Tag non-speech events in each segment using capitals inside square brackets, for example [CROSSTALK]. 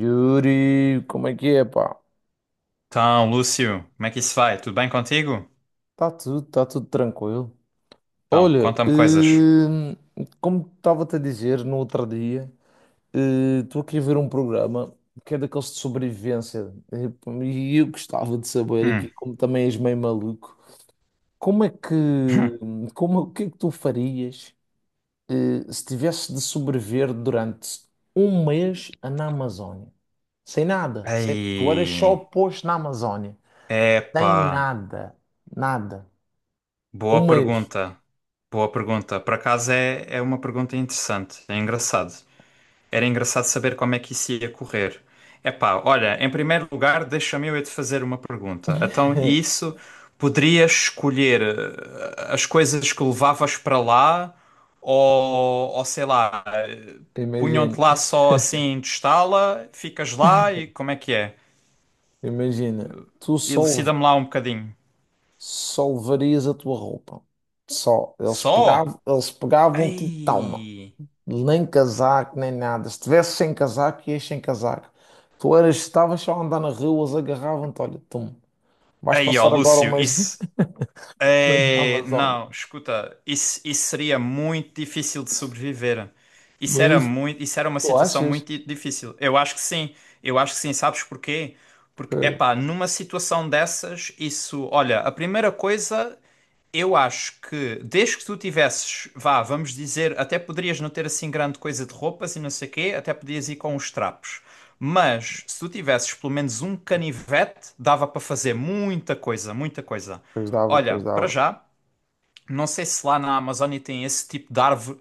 Yuri, como é que é, pá? Então, Lúcio, como é que isso vai? Tudo bem contigo? Tá tudo tranquilo. Então, Olha, conta-me coisas. Como estava-te a dizer no outro dia, estou aqui a ver um programa que é daqueles de sobrevivência pá, e eu gostava de saber aqui, Hum. como também és meio maluco, como é que, [LAUGHS] como, o que é que tu farias se tivesse de sobreviver durante um mês na Amazónia? Sem nada, sem, tu eras só Ei, posto na Amazónia. Tem epá, nada, nada. Um boa mês, pergunta. Boa pergunta. Por acaso é uma pergunta interessante, é engraçado. Era engraçado saber como é que isso ia correr. Epá, olha, em primeiro lugar, deixa-me eu é te fazer uma pergunta. Então, e isso poderias escolher as coisas que levavas para lá ou sei lá, imagina, punham-te lá só assim, testá-la, ficas lá e como é que é? imagina, tu só, Elucida-me lá um bocadinho. só levarias a tua roupa. Só. Eles pegavam, Só? eles pegavam-te e toma. Ei! Nem casaco, nem nada. Se tivesse sem casaco, ias sem casaco. Tu eras, estavas só a andar na rua, eles agarravam-te, olha, tu. Vais Ei, ó, passar agora um Lúcio, mês, [LAUGHS] isso. um mês na É, Amazónia. não, escuta, isso seria muito difícil de sobreviver. Isso era Mas muito, isso era uma tu situação achas? Difícil. Eu acho que sim, eu acho que sim, sabes porquê? Porque, Que... epá, numa situação dessas, isso, olha, a primeira coisa, eu acho que desde que tu tivesses, vá, vamos dizer, até poderias não ter assim grande coisa de roupas e não sei quê, até podias ir com os trapos. Mas se tu tivesses pelo menos um canivete, dava para fazer muita coisa, muita coisa. Pois dava, Olha, pois para dava. já, não sei se lá na Amazónia tem esse tipo de árvore,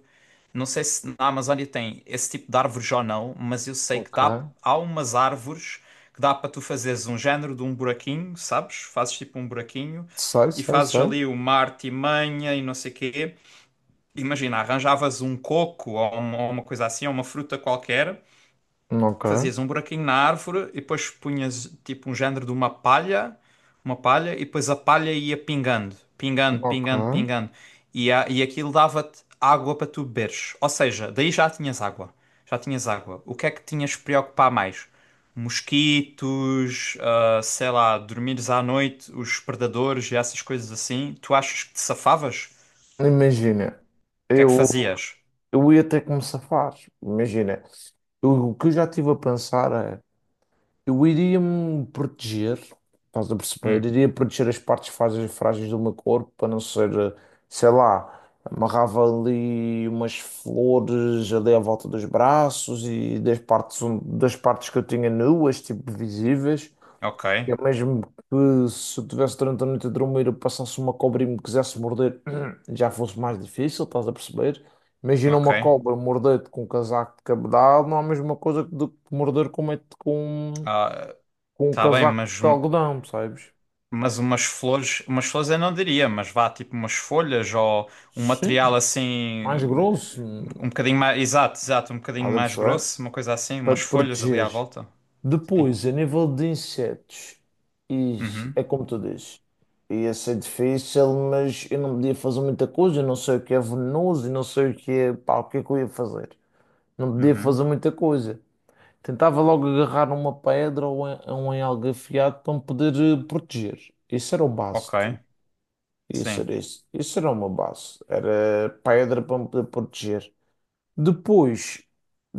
não sei se na Amazónia tem esse tipo de árvores ou não, mas eu sei que Ok. dá, há umas árvores que dá para tu fazeres um género de um buraquinho, sabes? Fazes tipo um buraquinho Sei, e sei, fazes sei. ali uma artimanha e não sei quê. Imagina, arranjavas um coco ou uma coisa assim, ou uma fruta qualquer. Ok, Fazias um buraquinho na árvore e depois punhas tipo um género de uma palha, e depois a palha ia pingando, pingando, pingando, ok. pingando. E aquilo dava-te água para tu beberes. Ou seja, daí já tinhas água. Já tinhas água. O que é que tinhas que preocupar mais? Mosquitos, ah, sei lá, dormires à noite, os predadores e essas coisas assim. Tu achas que te safavas? Imagina, O que é que eu, fazias? eu ia ter que me safar. Imagina, o que eu já estive a pensar é: eu iria me proteger, estás a perceber? Hum, Iria proteger as partes frágeis, frágeis do meu corpo para não ser, sei lá, amarrava ali umas flores ali à volta dos braços e das partes que eu tinha nuas, tipo visíveis. ok, É mesmo que se eu tivesse durante a noite a dormir, eu passasse uma cobra e me quisesse morder, [CLEARS THROAT] já fosse mais difícil, estás a perceber? Imagina uma ok. cobra morder-te com um casaco de cabedal, não é a mesma coisa que do que morder com, uma- com, Ah, com um tá bem, casaco mas de algodão, percebes? Mas umas flores eu não diria, mas vá tipo umas folhas ou um Sim. material Mais assim, grosso, um bocadinho mais, exato, exato, um bocadinho estás a mais perceber? grosso, uma coisa assim, Para umas te folhas ali à proteger. volta. Sim. Depois, a nível de insetos, e Uhum, é como tu dizes. Ia ser difícil, mas eu não podia fazer muita coisa. Eu não sei o que é venenoso, eu não sei o que é. Pá, o que é que eu ia fazer? Não podia uhum. fazer muita coisa. Tentava logo agarrar uma pedra ou ou um algo afiado para me poder proteger. Isso era o base, Ok, tipo. Isso sim, era isso. Isso era uma base. Era pedra para me poder proteger. Depois,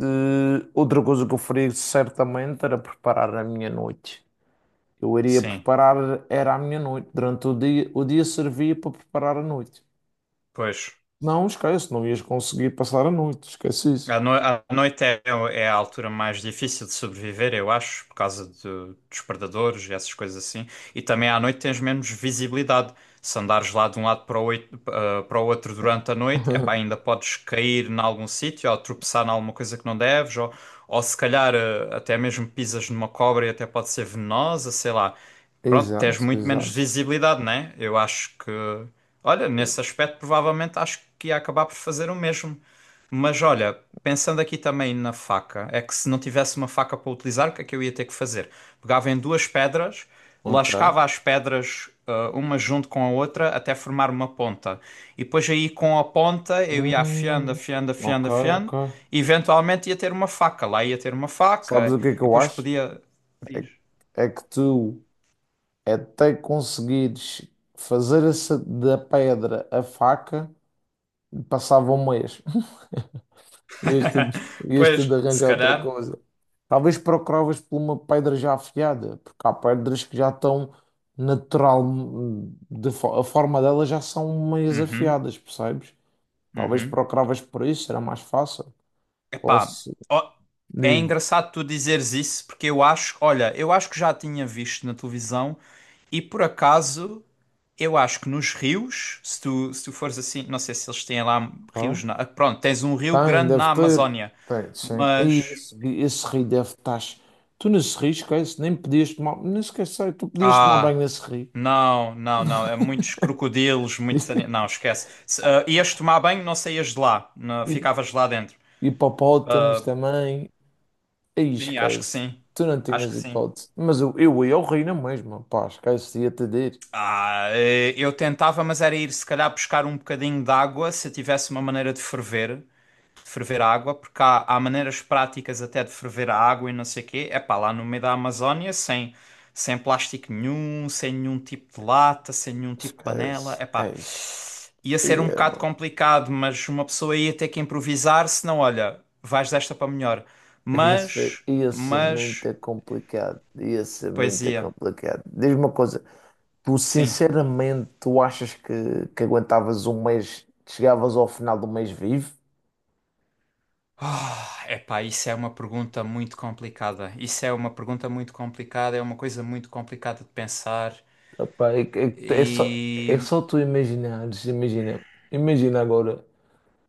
outra coisa que eu faria certamente era preparar a minha noite. Eu iria sim, preparar, era a minha noite. Durante o dia servia para preparar a noite. pois. Não, esquece, não ias conseguir passar a noite, esquece isso. A, no- a noite é a altura mais difícil de sobreviver, eu acho, dos predadores e essas coisas assim. E também à noite tens menos visibilidade. Se andares lá de um lado para o outro durante a noite, epá, ainda podes cair em algum sítio ou tropeçar em alguma coisa que não deves, ou se calhar até mesmo pisas numa cobra e até pode ser venenosa, sei lá. Pronto, tens Exato, muito menos exato. visibilidade, né? Eu acho que, olha, nesse aspecto provavelmente acho que ia acabar por fazer o mesmo. Mas olha, pensando aqui também na faca, é que se não tivesse uma faca para utilizar, o que é que eu ia ter que fazer? Pegava em duas pedras, Ok. lascava as pedras, ah, uma junto com a outra, até formar uma ponta. E depois aí com a ponta eu ia afiando, Hum, afiando, ok, afiando, ok. afiando, e eventualmente ia ter uma faca. Lá ia ter uma Sabes faca, o que é que e eu depois acho? podia. É, que Diz. é que tu até conseguires fazer essa da pedra a faca, passava um mês. Este, [LAUGHS] este Pois, de se arranjar outra calhar. coisa. Talvez procuravas por uma pedra já afiada, porque há pedras que já estão natural, a forma delas já são meias Uhum, afiadas, percebes? Talvez uhum. procuravas por isso, será mais fácil. Ou Epá, se... ó, é Diz-me. engraçado tu dizeres isso, porque eu acho, olha, eu acho que já tinha visto na televisão e por acaso eu acho que nos rios, se tu fores assim, não sei se eles têm lá Ah? rios na, ah, pronto, tens um rio Tem, grande deve na ter. Amazónia, Tem, sim. E mas esse rio deve estar. Tu nesse rio, esquece, nem podias tomar. Não esquece, tu podias tomar ah, banho nesse rio. não, não, não, é muitos crocodilos, muitos, ani- não, esquece. Se, ah, ias tomar banho, não saías de lá, [LAUGHS] não, E ficavas lá dentro. hipopótamos também. Aí Sim, acho que esquece. sim. Tu não Acho tinhas que sim. hipótese. Mas eu ia ao reino mesmo mesma. Pá, esquece. Ia-te dizer. Ah, eu tentava, mas era ir se calhar buscar um bocadinho de água se eu tivesse uma maneira de ferver a água, porque há, há maneiras práticas até de ferver a água e não sei o quê. É pá, lá no meio da Amazónia, sem, sem plástico nenhum, sem nenhum tipo de lata, sem nenhum tipo de panela. Esquece. É pá, Eish. ia ser um Ia, bocado mano. complicado, mas uma pessoa ia ter que improvisar, senão, olha, vais desta para melhor. Ia ser, Mas, ia ser mas, muito complicado. Ia ser muito poesia, complicado. Diz-me uma coisa. Tu, sim. sinceramente, tu achas que aguentavas um mês, chegavas ao final do mês vivo? Ah, epá, isso é uma pergunta muito complicada. Isso é uma pergunta muito complicada, é uma coisa muito complicada de pensar. Epá, é, que é só, é E só tu imaginares. Imagina. Imagina agora.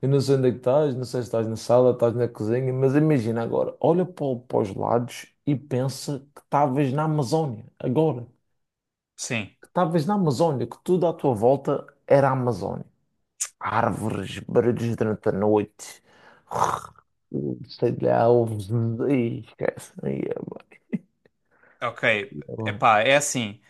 Eu não sei onde é que estás, não sei se estás na sala, estás na cozinha, mas imagina agora, olha para, para os lados e pensa que estavas na Amazónia, agora, sim, que estavas na Amazónia, que tudo à tua volta era a Amazónia. Árvores, barulhos durante a noite, sei lá, ovos, e esquece. Aí é bué, ok. é bué. Epá, é assim.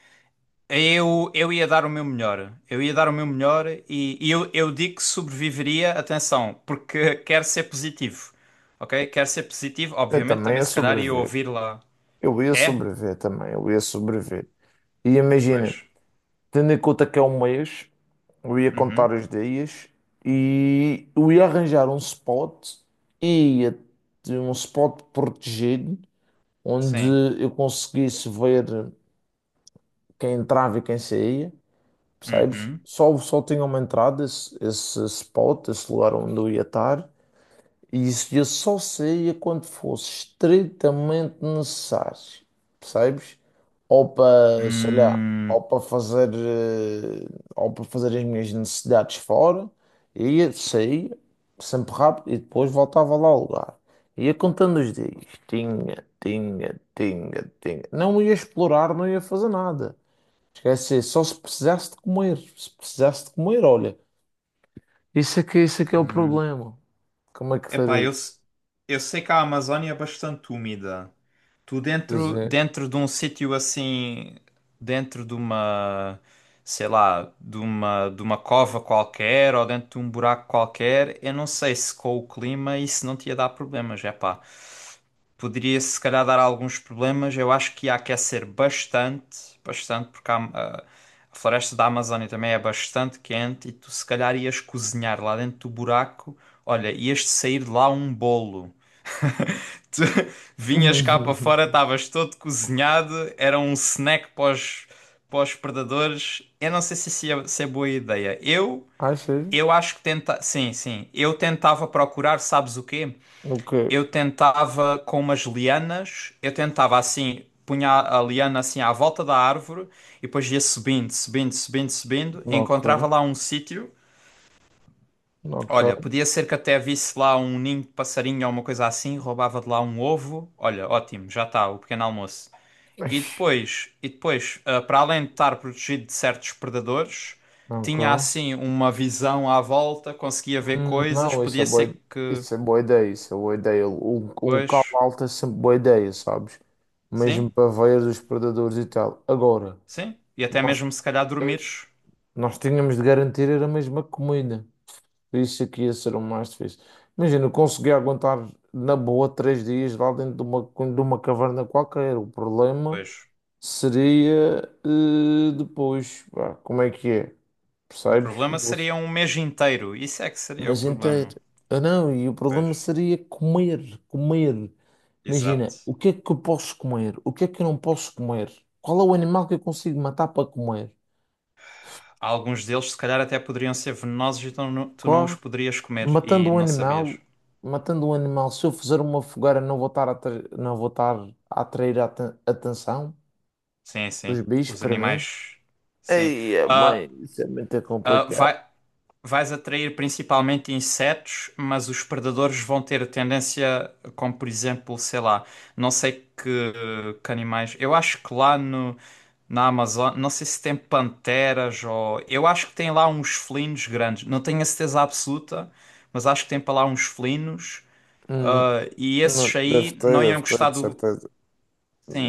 Eu ia dar o meu melhor. Eu ia dar o meu melhor e eu digo que sobreviveria, atenção, porque [LAUGHS] quero ser positivo. Ok? Quero ser positivo, Eu obviamente, também também ia se calhar ia sobreviver, ouvir lá. eu ia É? sobreviver também, eu ia sobreviver. E imagina. Pois. Tendo em conta que é um mês, eu ia contar Uhum. os dias e eu ia arranjar um spot e ia ter um spot protegido onde Sim. eu conseguisse ver quem entrava e quem saía, percebes? Uhum. Só tinha uma entrada, esse spot, esse lugar onde eu ia estar. E isso eu só saía quando fosse estritamente necessário, percebes? Ou para, sei lá, Hum. ou para fazer, eh, ou para fazer as minhas necessidades fora, ia, saía, sempre rápido, e depois voltava lá ao lugar. Ia contando os dias, tinha, tinha, tinha, tinha. Não ia explorar, não ia fazer nada. Esquece, só se precisasse de comer, olha, isso aqui é o Hum. problema. Como é que Epá, farei? eu, se- eu sei que a Amazónia é bastante úmida. Tu Pois dentro, é. dentro de um sítio assim, dentro de uma, sei lá, de uma cova qualquer ou dentro de um buraco qualquer, eu não sei se com o clima isso não te ia dar problemas, é pá. Poderia se calhar dar alguns problemas, eu acho que ia aquecer bastante, bastante, porque a floresta da Amazónia também é bastante quente e tu se calhar ias cozinhar lá dentro do buraco, olha, ias sair de lá um bolo. Tu [LAUGHS] vinhas cá para fora, [LAUGHS] estavas todo cozinhado, era um snack para os predadores. Eu não sei se, isso é, se é boa ideia. Ah, sério? Eu acho que tenta... Sim, sim. Eu tentava procurar, sabes o quê? Ok, Eu tentava com umas lianas, eu tentava assim, punha a liana assim à volta da árvore e depois ia subindo, subindo, subindo, subindo, ok, encontrava lá um sítio. Olha, ok. podia ser que até visse lá um ninho de passarinho ou uma coisa assim, roubava de lá um ovo. Olha, ótimo, já está, o pequeno almoço. Ixi, E depois, ah, para além de estar protegido de certos predadores, ok. tinha assim uma visão à volta, conseguia ver coisas, não, podia ser que, isso é boa ideia, isso é boa ideia. Um local pois, alto é sempre boa ideia, sabes? sim, Mesmo para ver os predadores e tal. Agora, sim, e até nós, mesmo se calhar dois, dormires. nós tínhamos de garantir era a mesma comida. Isso aqui ia ser o mais difícil. Imagina, eu consegui aguentar na boa 3 dias lá dentro de uma caverna qualquer. O problema Pois, seria depois, pá, como é que é? o Percebes? problema seria um mês inteiro, isso é que seria o Mas problema. inteiro. Ah, não, e o Pois, problema seria comer, comer. exato. Imagina, o que é que eu posso comer? O que é que eu não posso comer? Qual é o animal que eu consigo matar para comer? Alguns deles, se calhar, até poderiam ser venenosos e tu não os Claro. poderias comer Matando e um não sabias. animal, matando um animal, se eu fizer uma fogueira, não vou estar a, atra- não vou estar a atrair a atenção Sim, dos sim. bichos Os para mim? animais. Sim. Ei, mãe, Ah, isso é muito ah, complicado. vai, vais atrair principalmente insetos, mas os predadores vão ter tendência, como por exemplo, sei lá, não sei que animais. Eu acho que lá no, na Amazônia, não sei se tem panteras ou. Eu acho que tem lá uns felinos grandes. Não tenho a certeza absoluta, mas acho que tem para lá uns felinos. Ah, e Não, esses aí não iam deve ter, gostar de do. certeza.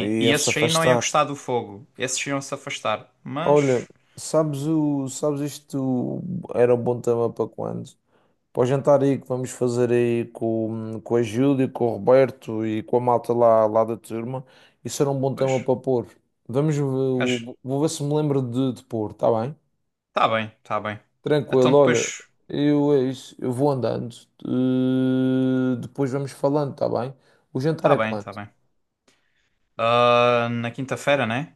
E e ia-se esses aí não iam afastar. gostar do fogo. Esses iam se afastar. Olha, Mas. sabes isto era um bom tema para quando? Para o jantar aí que vamos fazer aí com, a Júlia, com o Roberto e com a malta lá da turma, isso era um bom Pois. tema para pôr. Vamos ver, Acho... vou ver se me lembro de pôr, está bem? Tá bem, tá bem. Então Tranquilo, olha, depois. eu é isso, eu vou andando, depois vamos falando, está bem? O jantar Tá é bem, quando? tá bem. Ah, na quinta-feira, né?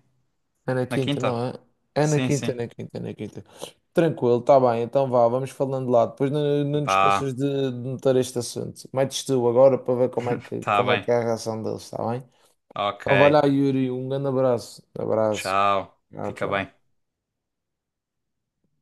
É na Na quinta, quinta? não é? É na Sim, quinta, é sim. na quinta, é na quinta. Tranquilo, tá bem, então vá, vamos falando lá. Depois não te esqueças Vá, de notar este assunto. Metes tu agora para ver como é que, tá como é bem. que é a reação deles, está bem? Ok. Então vai lá, Yuri, um grande abraço. Abraço. Tchau. Tchau, Fica tchau. bem.